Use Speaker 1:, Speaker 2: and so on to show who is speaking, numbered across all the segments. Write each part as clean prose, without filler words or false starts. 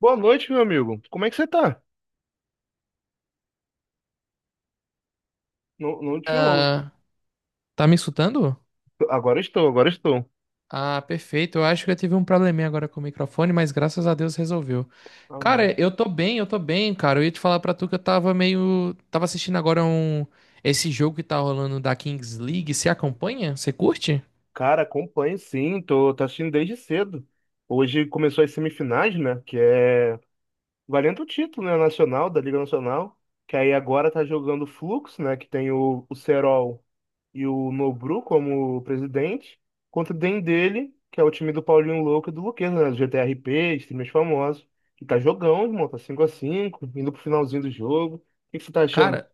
Speaker 1: Boa noite, meu amigo. Como é que você tá? Não, não te ouço.
Speaker 2: Ah, tá me escutando?
Speaker 1: Agora estou, agora estou.
Speaker 2: Ah, perfeito. Eu acho que eu tive um probleminha agora com o microfone, mas graças a Deus resolveu.
Speaker 1: Ah, não.
Speaker 2: Cara, eu tô bem, cara. Eu ia te falar pra tu que eu tava meio. Tava assistindo agora um. Esse jogo que tá rolando da Kings League. Você acompanha? Você curte?
Speaker 1: Cara, acompanho sim, tô assistindo desde cedo. Hoje começou as semifinais, né? Que é valendo o título, né? Nacional, da Liga Nacional. Que aí agora tá jogando o Flux, né? Que tem o Serol e o Nobru como presidente. Contra o Den dele, que é o time do Paulinho Louco e do Luqueza, né? Do GTRP, os times famosos. E tá jogão, irmão. Tá 5x5, indo pro finalzinho do jogo. O que que você tá achando?
Speaker 2: Cara,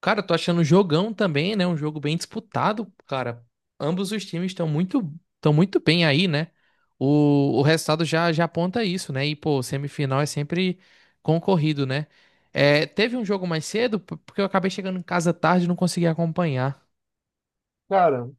Speaker 2: Cara, eu tô achando um jogão também, né? Um jogo bem disputado, cara. Ambos os times estão muito bem aí, né? O resultado já aponta isso, né? E, pô, semifinal é sempre concorrido, né? É, teve um jogo mais cedo, porque eu acabei chegando em casa tarde e não consegui acompanhar.
Speaker 1: Cara,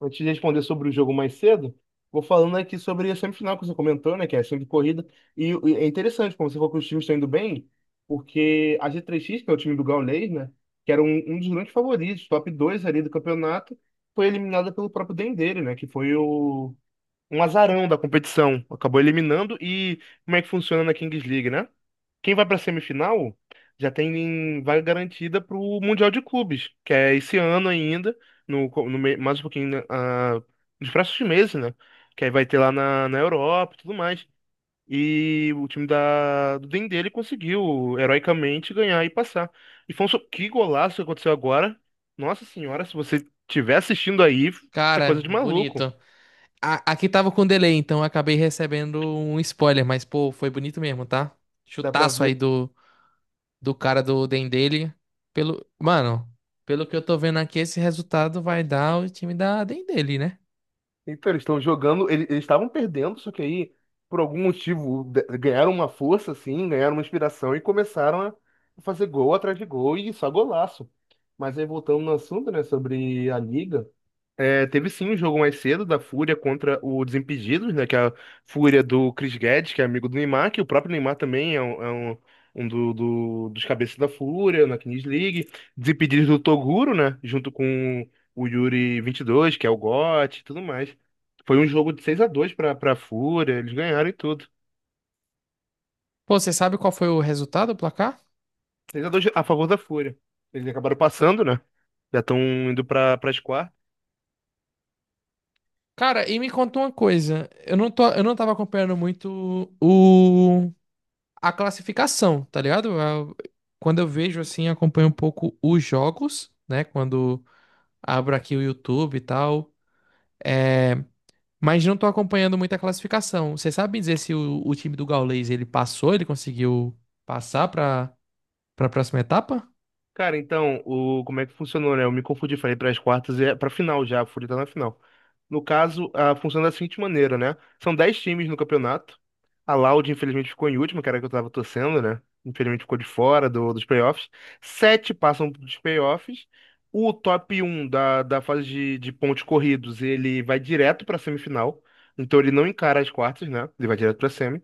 Speaker 1: antes de responder sobre o jogo mais cedo, vou falando aqui sobre a semifinal que você comentou, né? Que é sempre corrida. E é interessante, como você falou que os times estão indo bem, porque a G3X, que é o time do Gaules, né? Que era um dos grandes favoritos, top 2 ali do campeonato, foi eliminada pelo próprio Dendele, né? Que foi um azarão da competição. Acabou eliminando e como é que funciona na Kings League, né? Quem vai pra semifinal já tem vaga garantida pro Mundial de Clubes, que é esse ano ainda, no, co- no me- mais um pouquinho, né, nos próximos meses, né? Que aí vai ter lá na Europa e tudo mais. E o time do Den ele conseguiu heroicamente ganhar e passar. E foi que golaço que aconteceu agora. Nossa senhora, se você estiver assistindo aí, é
Speaker 2: Cara,
Speaker 1: coisa de maluco.
Speaker 2: bonito. Aqui tava com delay, então eu acabei recebendo um spoiler, mas, pô, foi bonito mesmo, tá?
Speaker 1: Dá pra
Speaker 2: Chutaço aí
Speaker 1: ver.
Speaker 2: do cara do Dendele. Pelo, mano, pelo que eu tô vendo aqui, esse resultado vai dar o time da Dendele, né?
Speaker 1: Então, eles estão jogando, eles estavam perdendo, só que aí, por algum motivo, ganharam uma força, assim, ganharam uma inspiração e começaram a fazer gol atrás de gol e só golaço. Mas aí, voltando no assunto, né, sobre a liga, teve sim um jogo mais cedo da Fúria contra o Desimpedidos, né? Que é a Fúria do Chris Guedes, que é amigo do Neymar, que o próprio Neymar também é dos cabeças da Fúria na Kings League. Desimpedidos do Toguro, né? Junto com o Yuri 22, que é o GOT e tudo mais. Foi um jogo de 6-2 para Fúria, eles ganharam e tudo.
Speaker 2: Pô, você sabe qual foi o resultado, o placar?
Speaker 1: 6-2 a favor da Fúria. Eles acabaram passando, né? Já estão indo para as quartas.
Speaker 2: Cara, e me conta uma coisa. Eu não tava acompanhando muito o a classificação, tá ligado? A- Quando eu vejo assim, acompanho um pouco os jogos, né? Quando abro aqui o YouTube e tal. É, mas não tô acompanhando muito a classificação. Você sabe me dizer se o time do Gaules ele passou, ele conseguiu passar pra. Pra próxima etapa?
Speaker 1: Cara, então, como é que funcionou, né? Eu me confundi, falei para as quartas e é para final já, a Fúria tá na final. No caso, funciona da seguinte maneira, né? São 10 times no campeonato. A Loud, infelizmente, ficou em último, que era a que eu tava torcendo, né? Infelizmente, ficou de fora dos playoffs. Sete passam dos playoffs. O top um da fase de pontos corridos, ele vai direto para semifinal. Então, ele não encara as quartas, né? Ele vai direto para semi.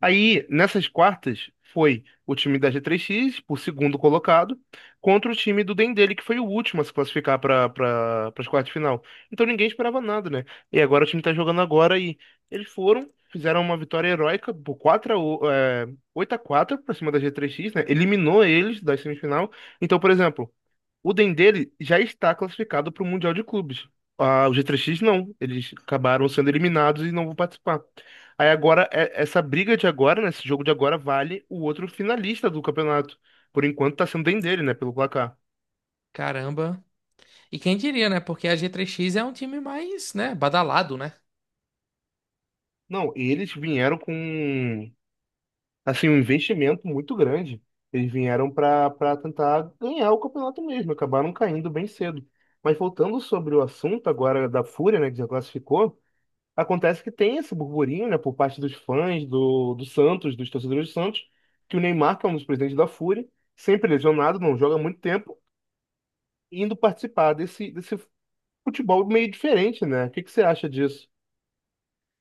Speaker 1: Aí, nessas quartas, foi o time da G3X, o segundo colocado, contra o time do Dendele, que foi o último a se classificar para as quartas de final. Então ninguém esperava nada, né? E agora o time tá jogando agora e eles foram, fizeram uma vitória heróica por 4 8 a quatro para cima da G3X, né? Eliminou eles da semifinal. Então, por exemplo, o Dendele já está classificado para o Mundial de Clubes. Ah, o G3X não. Eles acabaram sendo eliminados e não vão participar. Aí agora, essa briga de agora, né, esse jogo de agora, vale o outro finalista do campeonato. Por enquanto está sendo o Dendele, né, pelo placar.
Speaker 2: Caramba. E quem diria, né? Porque a G3X é um time mais, né, badalado, né?
Speaker 1: Não, eles vieram com, assim, um investimento muito grande. Eles vieram para tentar ganhar o campeonato mesmo. Acabaram caindo bem cedo. Mas voltando sobre o assunto agora da Fúria, né, que já classificou. Acontece que tem esse burburinho, né, por parte dos fãs do Santos, dos torcedores do Santos, que o Neymar, que é um dos presidentes da Fúria sempre lesionado, não joga há muito tempo, indo participar desse futebol meio diferente, né? O que que você acha disso?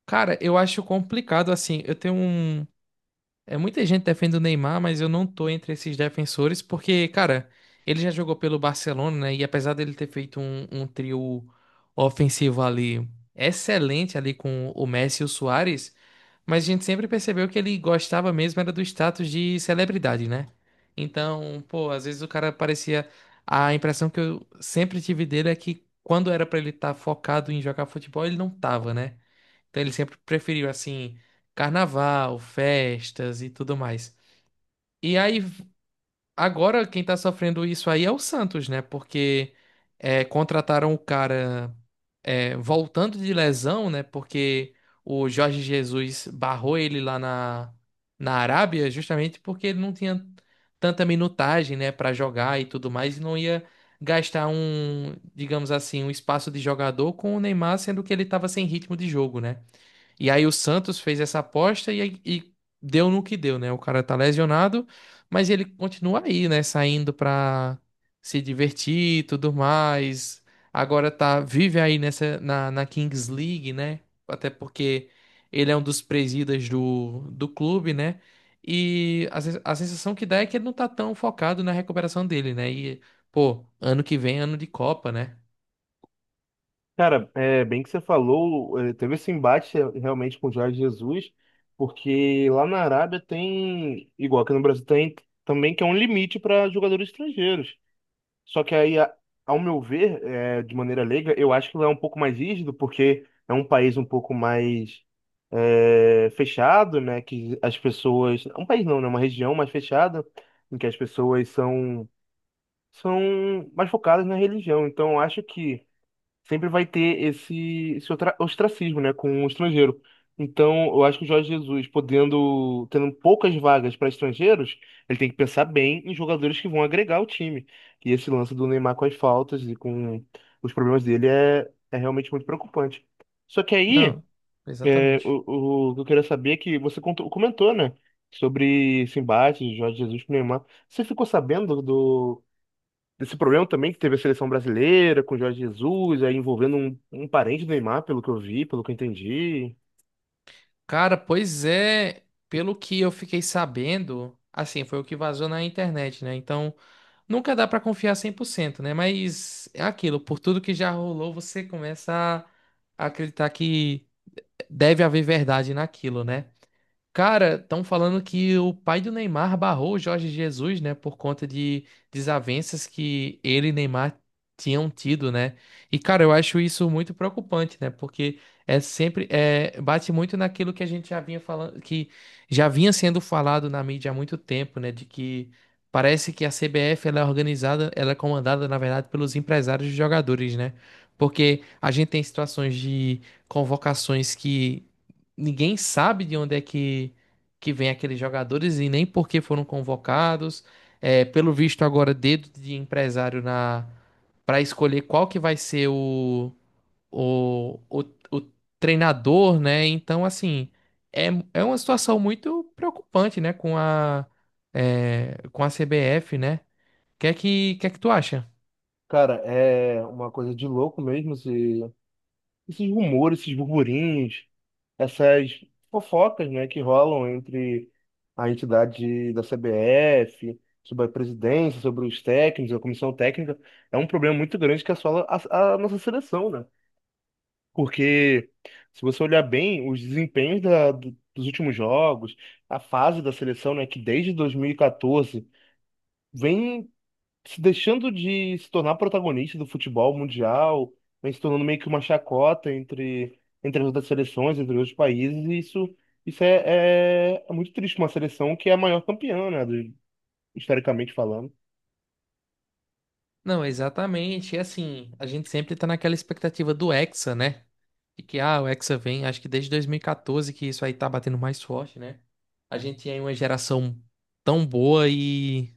Speaker 2: Cara, eu acho complicado assim. Eu tenho um É, muita gente defende o Neymar, mas eu não tô entre esses defensores, porque, cara, ele já jogou pelo Barcelona, né? E apesar dele ter feito um trio ofensivo ali excelente ali com o Messi e o Suárez, mas a gente sempre percebeu que ele gostava mesmo era do status de celebridade, né? Então, pô, às vezes o cara parecia. A impressão que eu sempre tive dele é que quando era pra ele estar focado em jogar futebol, ele não tava, né? Então ele sempre preferiu assim carnaval, festas e tudo mais. E aí agora quem tá sofrendo isso aí é o Santos, né? Porque é, contrataram o cara é, voltando de lesão, né? Porque o Jorge Jesus barrou ele lá na Arábia justamente porque ele não tinha tanta minutagem, né, para jogar e tudo mais e não ia gastar um, digamos assim, um espaço de jogador com o Neymar, sendo que ele estava sem ritmo de jogo, né? E aí o Santos fez essa aposta e deu no que deu, né? O cara tá lesionado, mas ele continua aí, né? Saindo pra se divertir e tudo mais. Agora tá, vive aí na Kings League, né? Até porque ele é um dos presidas do clube, né? E a, a sensação que dá é que ele não tá tão focado na recuperação dele, né? E, pô, ano que vem, é ano de Copa, né?
Speaker 1: Cara, é bem que você falou, teve esse embate realmente com o Jorge Jesus, porque lá na Arábia tem, igual aqui no Brasil tem, também que é um limite para jogadores estrangeiros. Só que aí, ao meu ver, de maneira leiga, eu acho que lá é um pouco mais rígido, porque é um país um pouco mais fechado, né? Que as pessoas. Um país não, né? Uma região mais fechada, em que as pessoas são mais focadas na religião. Então, eu acho que sempre vai ter esse ostracismo, né, com o estrangeiro. Então, eu acho que o Jorge Jesus, podendo, tendo poucas vagas para estrangeiros, ele tem que pensar bem em jogadores que vão agregar o time. E esse lance do Neymar com as faltas e com os problemas dele é realmente muito preocupante. Só que aí,
Speaker 2: Não, exatamente.
Speaker 1: o que eu queria saber é que você comentou, né, sobre esse embate de Jorge Jesus com o Neymar. Você ficou sabendo desse problema também que teve a seleção brasileira com o Jorge Jesus, aí envolvendo um parente do Neymar, pelo que eu vi, pelo que eu entendi.
Speaker 2: Cara, pois é, pelo que eu fiquei sabendo, assim, foi o que vazou na internet, né? Então, nunca dá pra confiar 100%, né? Mas é aquilo, por tudo que já rolou, você começa a acreditar que deve haver verdade naquilo, né? Cara, estão falando que o pai do Neymar barrou o Jorge Jesus, né, por conta de desavenças que ele e Neymar tinham tido, né? E cara, eu acho isso muito preocupante, né? Porque é sempre é, bate muito naquilo que a gente já vinha falando, que já vinha sendo falado na mídia há muito tempo, né? De que parece que a CBF ela é organizada, ela é comandada, na verdade, pelos empresários dos jogadores, né? Porque a gente tem situações de convocações que ninguém sabe de onde é que vem aqueles jogadores e nem por que foram convocados. É, pelo visto agora, dedo de empresário na para escolher qual que vai ser o, o, o treinador, né? Então, assim, é, é uma situação muito preocupante, né? Com a, é, com a CBF, né? O que é que tu acha?
Speaker 1: Cara, é uma coisa de louco mesmo esses rumores, esses burburinhos, essas fofocas, né, que rolam entre a entidade da CBF, sobre a presidência, sobre os técnicos, a comissão técnica. É um problema muito grande que assola a nossa seleção, né? Porque se você olhar bem os desempenhos dos últimos jogos, a fase da seleção, né, que desde 2014 vem se deixando de se tornar protagonista do futebol mundial, vem se tornando meio que uma chacota entre, entre as outras seleções, entre os países, e isso é muito triste, uma seleção que é a maior campeã, né, historicamente falando.
Speaker 2: Não, exatamente. E assim, a gente sempre tá naquela expectativa do Hexa, né? E que, ah, o Hexa vem, acho que desde 2014 que isso aí tá batendo mais forte, né? A gente tinha aí uma geração tão boa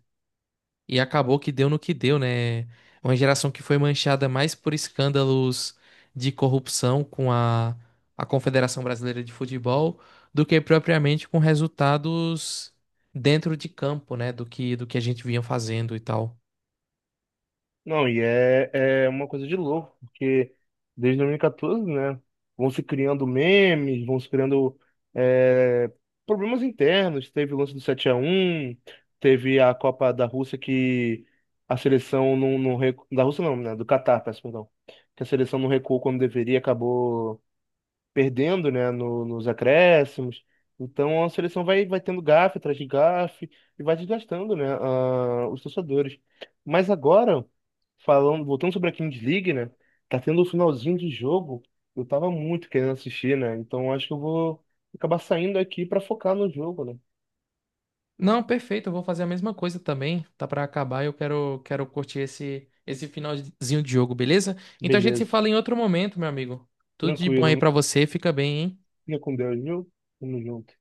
Speaker 2: e acabou que deu no que deu, né? É Uma geração que foi manchada mais por escândalos de corrupção com a Confederação Brasileira de Futebol do que propriamente com resultados dentro de campo, né? Do que a gente vinha fazendo e tal.
Speaker 1: Não, e é uma coisa de louco, porque desde 2014, né, vão se criando memes, vão se criando é, problemas internos. Teve o lance do 7-1, teve a Copa da Rússia que a seleção da Rússia não, né, do Catar, peço perdão, que a seleção não recuou quando deveria, acabou perdendo, né, nos acréscimos. Então a seleção vai tendo gafe atrás de gafe e vai desgastando, né, os torcedores. Mas agora, falando, voltando sobre a Kings League, né, tá tendo o finalzinho de jogo. Eu tava muito querendo assistir, né? Então acho que eu vou acabar saindo aqui para focar no jogo, né?
Speaker 2: Não, perfeito, eu vou fazer a mesma coisa também. Tá pra acabar, eu quero curtir esse finalzinho de jogo, beleza? Então a gente se
Speaker 1: Beleza.
Speaker 2: fala em outro momento, meu amigo. Tudo de bom aí
Speaker 1: Tranquilo.
Speaker 2: pra você, fica bem, hein?
Speaker 1: Fica com Deus, viu? Tamo junto.